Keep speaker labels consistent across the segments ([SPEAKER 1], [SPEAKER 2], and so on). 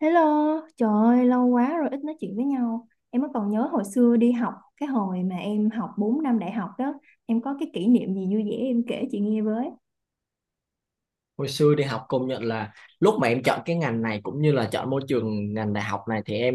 [SPEAKER 1] Hello, trời ơi, lâu quá rồi ít nói chuyện với nhau. Em mới còn nhớ hồi xưa đi học, cái hồi mà em học 4 năm đại học đó, em có cái kỷ niệm gì vui vẻ em kể chị nghe với.
[SPEAKER 2] Hồi xưa đi học công nhận là lúc mà em chọn cái ngành này cũng như là chọn môi trường ngành đại học này thì em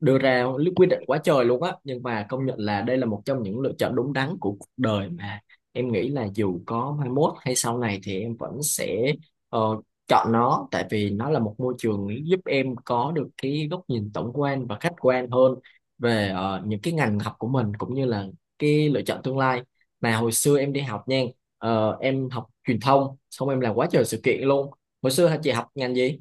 [SPEAKER 2] đưa ra quyết định quá trời luôn á, nhưng mà công nhận là đây là một trong những lựa chọn đúng đắn của cuộc đời mà em nghĩ là dù có mai mốt hay sau này thì em vẫn sẽ ờ, chọn nó, tại vì nó là một môi trường giúp em có được cái góc nhìn tổng quan và khách quan hơn về những cái ngành học của mình cũng như là cái lựa chọn tương lai mà hồi xưa em đi học nha. Ờ, em học truyền thông xong em làm quá trời sự kiện luôn. Hồi xưa hả chị, học ngành gì?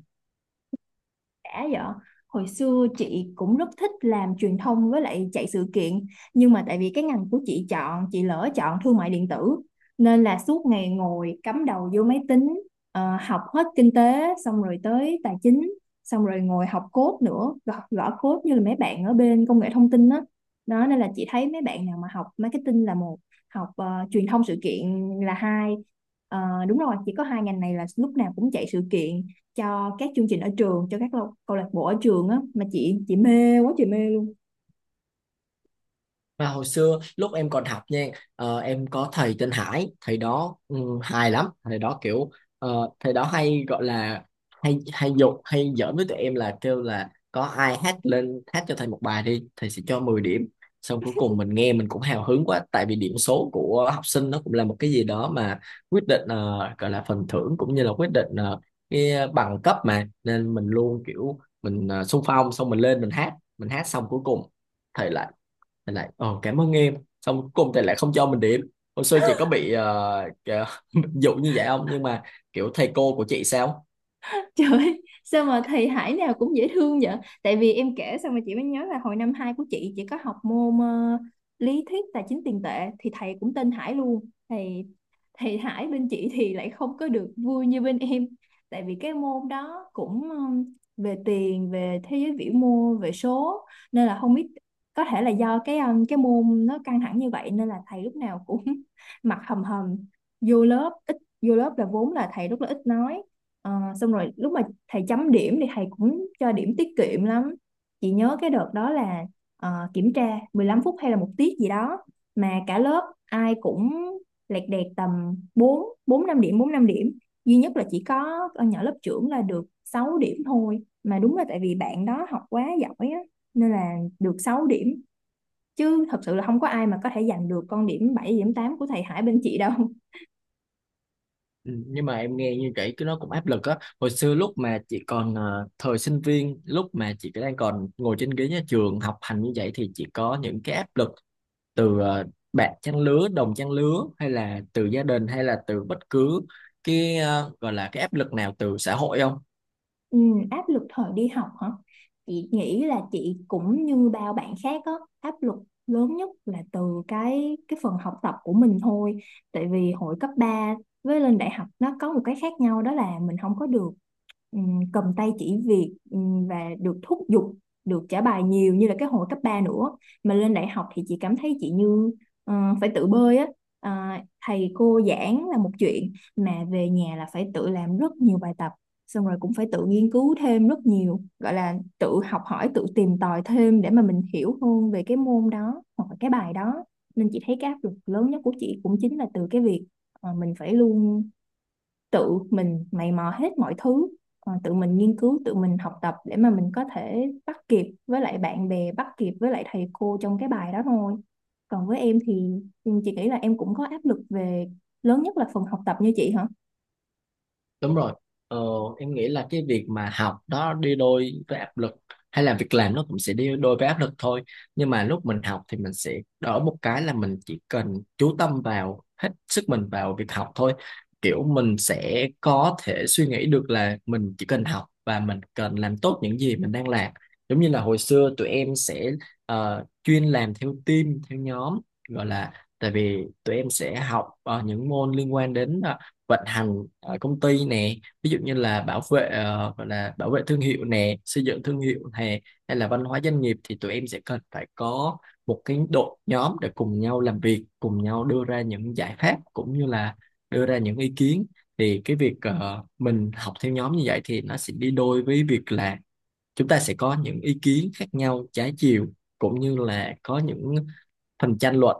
[SPEAKER 1] Đã vậy, hồi xưa chị cũng rất thích làm truyền thông với lại chạy sự kiện, nhưng mà tại vì cái ngành của chị chọn, chị lỡ chọn thương mại điện tử nên là suốt ngày ngồi cắm đầu vô máy tính. Học hết kinh tế xong rồi tới tài chính, xong rồi ngồi học code nữa, gõ, gõ code như là mấy bạn ở bên công nghệ thông tin đó. Đó nên là chị thấy mấy bạn nào mà học marketing là một, học truyền thông sự kiện là hai. Ờ, đúng rồi, chỉ có hai ngành này là lúc nào cũng chạy sự kiện cho các chương trình ở trường, cho các câu lạc bộ ở trường á, mà chị mê quá, chị mê luôn.
[SPEAKER 2] Mà hồi xưa lúc em còn học nha, em có thầy tên Hải, thầy đó hài lắm, thầy đó kiểu thầy đó hay gọi là hay hay dục hay giỡn với tụi em, là kêu là có ai hát lên hát cho thầy một bài đi thầy sẽ cho 10 điểm. Xong cuối cùng mình nghe mình cũng hào hứng quá, tại vì điểm số của học sinh nó cũng là một cái gì đó mà quyết định gọi là phần thưởng cũng như là quyết định cái bằng cấp mà, nên mình luôn kiểu mình xung phong, xong mình lên mình hát. Mình hát xong cuối cùng thầy lại, thầy lại ờ cảm ơn em, xong cuối cùng thầy lại không cho mình điểm. Hồi xưa chị có bị dụ như vậy không, nhưng mà kiểu thầy cô của chị sao?
[SPEAKER 1] Trời ơi, sao mà thầy Hải nào cũng dễ thương vậy? Tại vì em kể xong mà chị mới nhớ là hồi năm 2 của chị có học môn lý thuyết tài chính tiền tệ thì thầy cũng tên Hải luôn. Thầy thầy Hải bên chị thì lại không có được vui như bên em. Tại vì cái môn đó cũng về tiền, về thế giới vĩ mô, về số, nên là không biết, có thể là do cái cái môn nó căng thẳng như vậy nên là thầy lúc nào cũng mặt hầm hầm vô lớp, ít vô lớp là vốn là thầy rất là ít nói. Ờ, xong rồi lúc mà thầy chấm điểm thì thầy cũng cho điểm tiết kiệm lắm. Chị nhớ cái đợt đó là, kiểm tra 15 phút hay là một tiết gì đó, mà cả lớp ai cũng lẹt đẹt tầm 4 bốn 5 điểm, 4 5 điểm, duy nhất là chỉ có con nhỏ lớp trưởng là được 6 điểm thôi. Mà đúng là tại vì bạn đó học quá giỏi á nên là được 6 điểm, chứ thật sự là không có ai mà có thể giành được con điểm 7, điểm 8 của thầy Hải bên chị đâu.
[SPEAKER 2] Ừ, nhưng mà em nghe như vậy cái nó cũng áp lực á. Hồi xưa lúc mà chị còn thời sinh viên, lúc mà chị đang còn ngồi trên ghế nhà trường học hành như vậy, thì chị có những cái áp lực từ ờ, bạn trang lứa đồng trang lứa hay là từ gia đình, hay là từ bất cứ cái gọi là cái áp lực nào từ xã hội không?
[SPEAKER 1] Ừ, áp lực thời đi học hả? Chị nghĩ là chị cũng như bao bạn khác á, áp lực lớn nhất là từ cái phần học tập của mình thôi. Tại vì hồi cấp 3 với lên đại học nó có một cái khác nhau, đó là mình không có được, cầm tay chỉ việc, và được thúc giục, được trả bài nhiều như là cái hồi cấp 3 nữa. Mà lên đại học thì chị cảm thấy chị như, ờ, phải tự bơi á. Ờ, thầy cô giảng là một chuyện, mà về nhà là phải tự làm rất nhiều bài tập, xong rồi cũng phải tự nghiên cứu thêm rất nhiều, gọi là tự học hỏi, tự tìm tòi thêm để mà mình hiểu hơn về cái môn đó hoặc là cái bài đó. Nên chị thấy cái áp lực lớn nhất của chị cũng chính là từ cái việc mình phải luôn tự mình mày mò hết mọi thứ, tự mình nghiên cứu, tự mình học tập để mà mình có thể bắt kịp với lại bạn bè, bắt kịp với lại thầy cô trong cái bài đó thôi. Còn với em thì, ừ, chị nghĩ là em cũng có áp lực về, lớn nhất là phần học tập như chị hả?
[SPEAKER 2] Đúng rồi. Ờ, em nghĩ là cái việc mà học đó đi đôi với áp lực, hay là việc làm nó cũng sẽ đi đôi với áp lực thôi. Nhưng mà lúc mình học thì mình sẽ đỡ một cái là mình chỉ cần chú tâm vào hết sức mình vào việc học thôi. Kiểu mình sẽ có thể suy nghĩ được là mình chỉ cần học và mình cần làm tốt những gì mình đang làm. Giống như là hồi xưa tụi em sẽ chuyên làm theo team, theo nhóm gọi là, tại vì tụi em sẽ học những môn liên quan đến vận hành ở công ty nè, ví dụ như là bảo vệ gọi là bảo vệ thương hiệu nè, xây dựng thương hiệu nè, hay là văn hóa doanh nghiệp, thì tụi em sẽ cần phải có một cái đội nhóm để cùng nhau làm việc, cùng nhau đưa ra những giải pháp cũng như là đưa ra những ý kiến. Thì cái việc mình học theo nhóm như vậy thì nó sẽ đi đôi với việc là chúng ta sẽ có những ý kiến khác nhau, trái chiều, cũng như là có những phần tranh luận,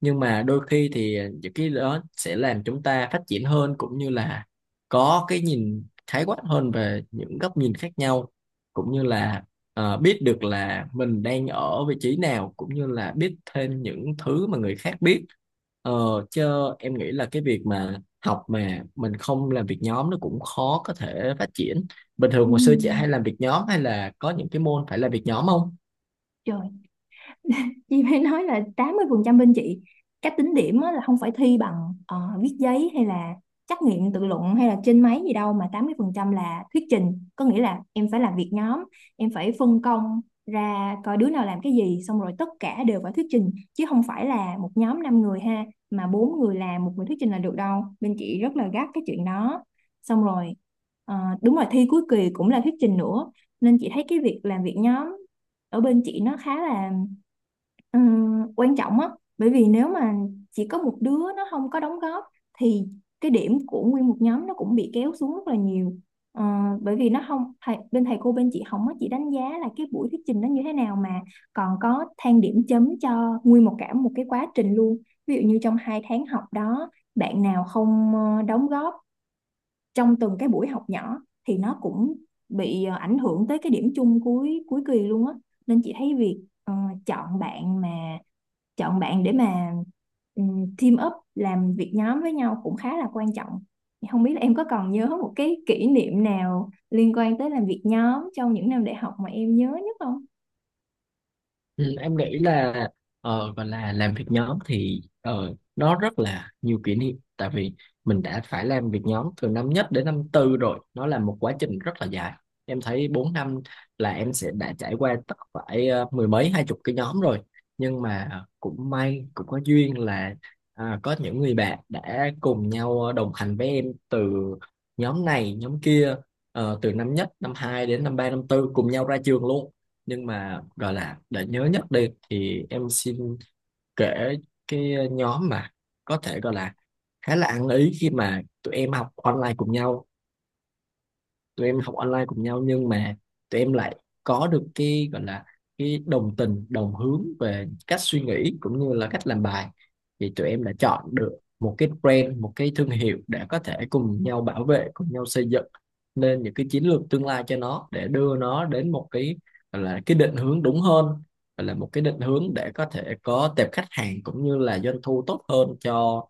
[SPEAKER 2] nhưng mà đôi khi thì những cái đó sẽ làm chúng ta phát triển hơn, cũng như là có cái nhìn khái quát hơn về những góc nhìn khác nhau, cũng như là biết được là mình đang ở vị trí nào cũng như là biết thêm những thứ mà người khác biết. ờ, Chứ em nghĩ là cái việc mà học mà mình không làm việc nhóm nó cũng khó có thể phát triển. Bình
[SPEAKER 1] Ừ.
[SPEAKER 2] thường hồi xưa chị hay làm việc nhóm, hay là có những cái môn phải làm việc nhóm không?
[SPEAKER 1] Trời, chị phải nói là 80% bên chị, cách tính điểm á là không phải thi bằng viết giấy hay là trắc nghiệm tự luận hay là trên máy gì đâu, mà 80% là thuyết trình, có nghĩa là em phải làm việc nhóm, em phải phân công ra coi đứa nào làm cái gì, xong rồi tất cả đều phải thuyết trình, chứ không phải là một nhóm 5 người ha, mà bốn người làm một người thuyết trình là được đâu, bên chị rất là gắt cái chuyện đó. Xong rồi, ờ, đúng rồi, thi cuối kỳ cũng là thuyết trình nữa. Nên chị thấy cái việc làm việc nhóm ở bên chị nó khá là, quan trọng á. Bởi vì nếu mà chỉ có một đứa nó không có đóng góp thì cái điểm của nguyên một nhóm nó cũng bị kéo xuống rất là nhiều. Ờ, bởi vì nó không bên thầy cô bên chị không có chỉ đánh giá là cái buổi thuyết trình nó như thế nào, mà còn có than điểm chấm cho nguyên một cả một cái quá trình luôn. Ví dụ như trong hai tháng học đó, bạn nào không đóng góp trong từng cái buổi học nhỏ thì nó cũng bị ảnh hưởng tới cái điểm chung cuối cuối kỳ luôn á. Nên chị thấy việc, ờ, chọn bạn mà chọn bạn để mà, team up làm việc nhóm với nhau cũng khá là quan trọng. Không biết là em có còn nhớ một cái kỷ niệm nào liên quan tới làm việc nhóm trong những năm đại học mà em nhớ nhất không?
[SPEAKER 2] Ừ, em nghĩ là gọi là làm việc nhóm thì nó rất là nhiều kỷ niệm, tại vì mình đã phải làm việc nhóm từ năm nhất đến năm tư rồi, nó là một quá trình rất là dài. Em thấy 4 năm là em sẽ đã trải qua tất phải mười mấy hai chục cái nhóm rồi, nhưng mà cũng may cũng có duyên là à, có những người bạn đã cùng nhau đồng hành với em từ nhóm này nhóm kia, từ năm nhất năm hai đến năm ba năm tư, cùng nhau ra trường luôn. Nhưng mà gọi là để nhớ nhất đi thì em xin kể cái nhóm mà có thể gọi là khá là ăn ý khi mà tụi em học online cùng nhau. Tụi em học online cùng nhau, nhưng mà tụi em lại có được cái gọi là cái đồng tình đồng hướng về cách suy nghĩ cũng như là cách làm bài, thì tụi em đã chọn được một cái brand, một cái thương hiệu, để có thể cùng nhau bảo vệ, cùng nhau xây dựng nên những cái chiến lược tương lai cho nó, để đưa nó đến một cái gọi là cái định hướng đúng hơn, gọi là một cái định hướng để có thể có tệp khách hàng cũng như là doanh thu tốt hơn cho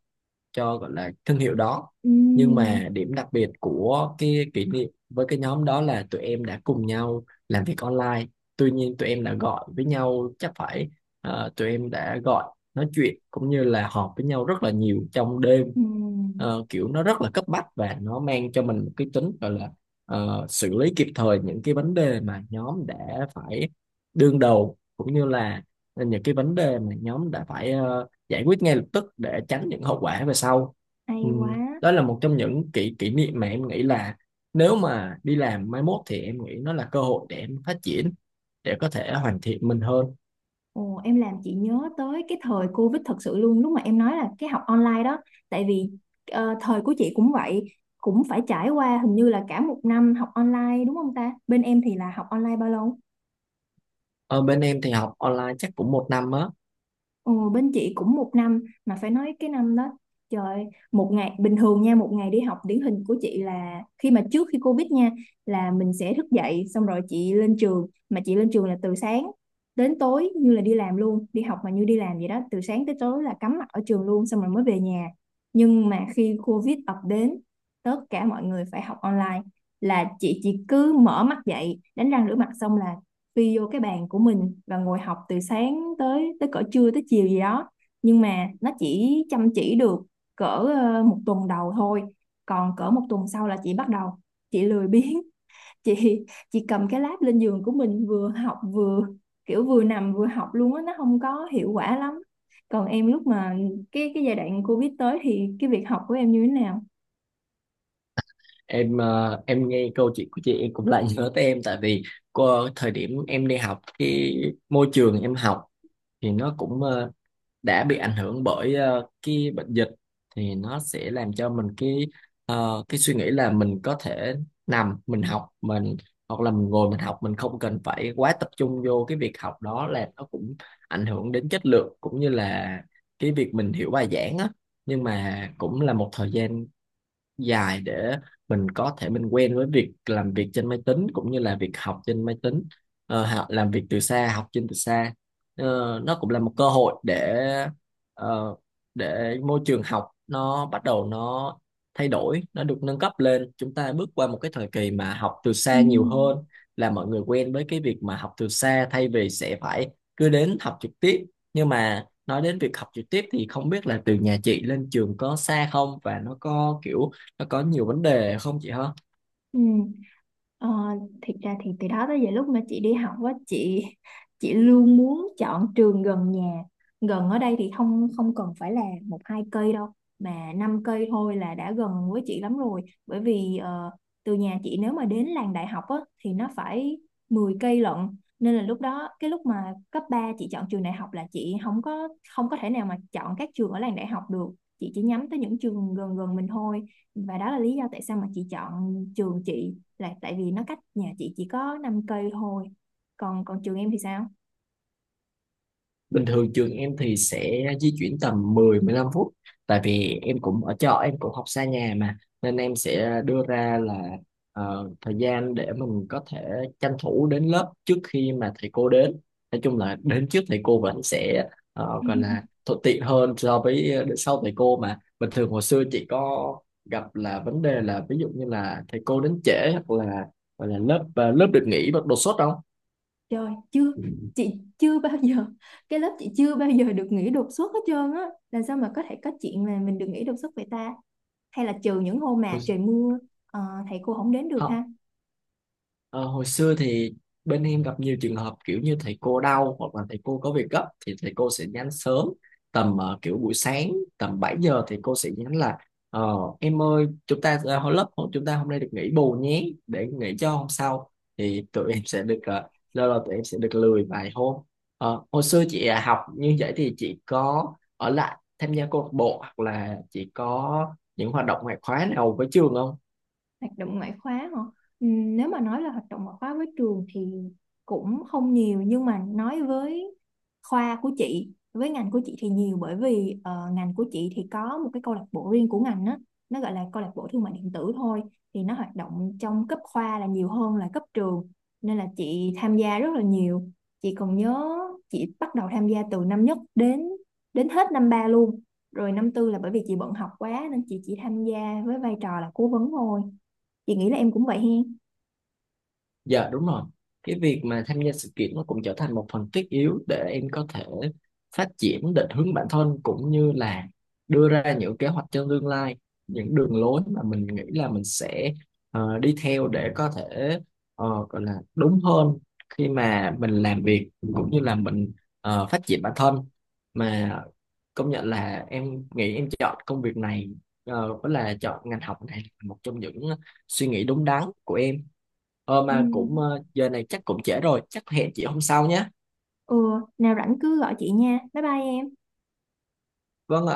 [SPEAKER 2] cho gọi là thương hiệu đó. Nhưng
[SPEAKER 1] Ừm,
[SPEAKER 2] mà điểm đặc biệt của cái kỷ niệm với cái nhóm đó là tụi em đã cùng nhau làm việc online, tuy nhiên tụi em đã gọi với nhau chắc phải ờ, tụi em đã gọi nói chuyện cũng như là họp với nhau rất là nhiều trong đêm.
[SPEAKER 1] ừm,
[SPEAKER 2] Ờ, kiểu nó rất là cấp bách và nó mang cho mình một cái tính gọi là xử lý kịp thời những cái vấn đề mà nhóm đã phải đương đầu, cũng như là những cái vấn đề mà nhóm đã phải giải quyết ngay lập tức để tránh những hậu quả về sau.
[SPEAKER 1] hay
[SPEAKER 2] Ừm,
[SPEAKER 1] quá.
[SPEAKER 2] đó là một trong những kỷ kỷ niệm mà em nghĩ là nếu mà đi làm mai mốt thì em nghĩ nó là cơ hội để em phát triển, để có thể hoàn thiện mình hơn.
[SPEAKER 1] Ồ, em làm chị nhớ tới cái thời Covid thật sự luôn, lúc mà em nói là cái học online đó. Tại vì thời của chị cũng vậy, cũng phải trải qua hình như là cả một năm học online, đúng không ta? Bên em thì là học online bao lâu?
[SPEAKER 2] Ở bên em thì học online chắc cũng một năm á.
[SPEAKER 1] Ừ, bên chị cũng một năm, mà phải nói cái năm đó, trời ơi, một ngày bình thường nha, một ngày đi học điển hình của chị là khi mà trước khi Covid nha, là mình sẽ thức dậy xong rồi chị lên trường, mà chị lên trường là từ sáng đến tối, như là đi làm luôn, đi học mà như đi làm vậy đó, từ sáng tới tối là cắm mặt ở trường luôn, xong rồi mới về nhà. Nhưng mà khi Covid ập đến, tất cả mọi người phải học online, là chị chỉ cứ mở mắt dậy đánh răng rửa mặt xong là phi vô cái bàn của mình và ngồi học từ sáng tới tới cỡ trưa tới chiều gì đó. Nhưng mà nó chỉ chăm chỉ được cỡ, một tuần đầu thôi, còn cỡ một tuần sau là chị bắt đầu chị lười biếng, chị chị cầm cái lab lên giường của mình vừa học vừa, kiểu vừa nằm vừa học luôn á, nó không có hiệu quả lắm. Còn em lúc mà cái giai đoạn Covid tới thì cái việc học của em như thế nào?
[SPEAKER 2] Em em nghe câu chuyện của chị em cũng lại nhớ tới em, tại vì thời điểm em đi học cái môi trường em học thì nó cũng đã bị ảnh hưởng bởi cái bệnh dịch, thì nó sẽ làm cho mình cái cái suy nghĩ là mình có thể nằm mình học mình, hoặc là mình ngồi mình học mình, không cần phải quá tập trung vô cái việc học, đó là nó cũng ảnh hưởng đến chất lượng cũng như là cái việc mình hiểu bài giảng á. Nhưng mà cũng là một thời gian dài để mình có thể mình quen với việc làm việc trên máy tính cũng như là việc học trên máy tính. Ờ, làm việc từ xa, học trên từ xa. Ờ, nó cũng là một cơ hội để ờ, để môi trường học nó bắt đầu nó thay đổi, nó được nâng cấp lên, chúng ta bước qua một cái thời kỳ mà học từ
[SPEAKER 1] Ừ.
[SPEAKER 2] xa nhiều hơn, là mọi người quen với cái việc mà học từ xa thay vì sẽ phải cứ đến học trực tiếp. Nhưng mà nói đến việc học trực tiếp thì không biết là từ nhà chị lên trường có xa không, và nó có kiểu nó có nhiều vấn đề không chị hả?
[SPEAKER 1] Ừ. Ờ, thiệt ra thì từ đó tới giờ lúc mà chị đi học á, chị luôn muốn chọn trường gần nhà. Gần ở đây thì không không cần phải là một hai cây đâu, mà năm cây thôi là đã gần với chị lắm rồi. Bởi vì từ nhà chị nếu mà đến làng đại học á thì nó phải 10 cây lận. Nên là lúc đó, cái lúc mà cấp 3 chị chọn trường đại học là chị không có thể nào mà chọn các trường ở làng đại học được, chị chỉ nhắm tới những trường gần gần mình thôi. Và đó là lý do tại sao mà chị chọn trường chị, là tại vì nó cách nhà chị chỉ có 5 cây thôi. Còn còn trường em thì sao?
[SPEAKER 2] Bình thường trường em thì sẽ di chuyển tầm 10-15 phút, tại vì em cũng ở trọ em cũng học xa nhà mà, nên em sẽ đưa ra là thời gian để mình có thể tranh thủ đến lớp trước khi mà thầy cô đến, nói chung là đến trước thầy cô vẫn sẽ gọi là thuận tiện hơn so với đến sau thầy cô. Mà bình thường hồi xưa chị có gặp là vấn đề là ví dụ như là thầy cô đến trễ, hoặc là lớp lớp được nghỉ đột xuất không?
[SPEAKER 1] Trời, chưa,
[SPEAKER 2] Ừ.
[SPEAKER 1] chị chưa bao giờ, cái lớp chị chưa bao giờ được nghỉ đột xuất hết trơn á, làm sao mà có thể có chuyện là mình được nghỉ đột xuất vậy ta? Hay là trừ những hôm mà
[SPEAKER 2] Ôi,
[SPEAKER 1] trời mưa, ờ, thầy cô không đến được
[SPEAKER 2] không.
[SPEAKER 1] ha.
[SPEAKER 2] Ờ, hồi xưa thì bên em gặp nhiều trường hợp kiểu như thầy cô đau, hoặc là thầy cô có việc gấp thì thầy cô sẽ nhắn sớm tầm kiểu buổi sáng tầm 7 giờ thì cô sẽ nhắn là em ơi, chúng ta hồi lớp chúng ta hôm nay được nghỉ bù nhé, để nghỉ cho hôm sau. Thì tụi em sẽ được lâu lâu tụi em sẽ được lười vài hôm. Ờ, hồi xưa chị học như vậy thì chị có ở lại tham gia câu lạc bộ, hoặc là chị có những hoạt động ngoại khóa nào với trường không?
[SPEAKER 1] Hoạt động ngoại khóa hả? Nếu mà nói là hoạt động ngoại khóa với trường thì cũng không nhiều, nhưng mà nói với khoa của chị, với ngành của chị thì nhiều, bởi vì ngành của chị thì có một cái câu lạc bộ riêng của ngành á, nó gọi là câu lạc bộ thương mại điện tử thôi. Thì nó hoạt động trong cấp khoa là nhiều hơn là cấp trường, nên là chị tham gia rất là nhiều. Chị còn nhớ chị bắt đầu tham gia từ năm nhất đến đến hết năm ba luôn, rồi năm tư là bởi vì chị bận học quá nên chị chỉ tham gia với vai trò là cố vấn thôi. Chị nghĩ là em cũng vậy hen.
[SPEAKER 2] Dạ đúng rồi. Cái việc mà tham gia sự kiện nó cũng trở thành một phần thiết yếu để em có thể phát triển định hướng bản thân, cũng như là đưa ra những kế hoạch cho tương lai, những đường lối mà mình nghĩ là mình sẽ đi theo để có thể gọi là đúng hơn khi mà mình làm việc cũng như là mình phát triển bản thân. Mà công nhận là em nghĩ em chọn công việc này với là chọn ngành học này là một trong những suy nghĩ đúng đắn của em. Ờ
[SPEAKER 1] Ừ.
[SPEAKER 2] mà cũng giờ này chắc cũng trễ rồi, chắc hẹn chị hôm sau nhé.
[SPEAKER 1] Ừ, nào rảnh cứ gọi chị nha, bye bye em.
[SPEAKER 2] Vâng ạ.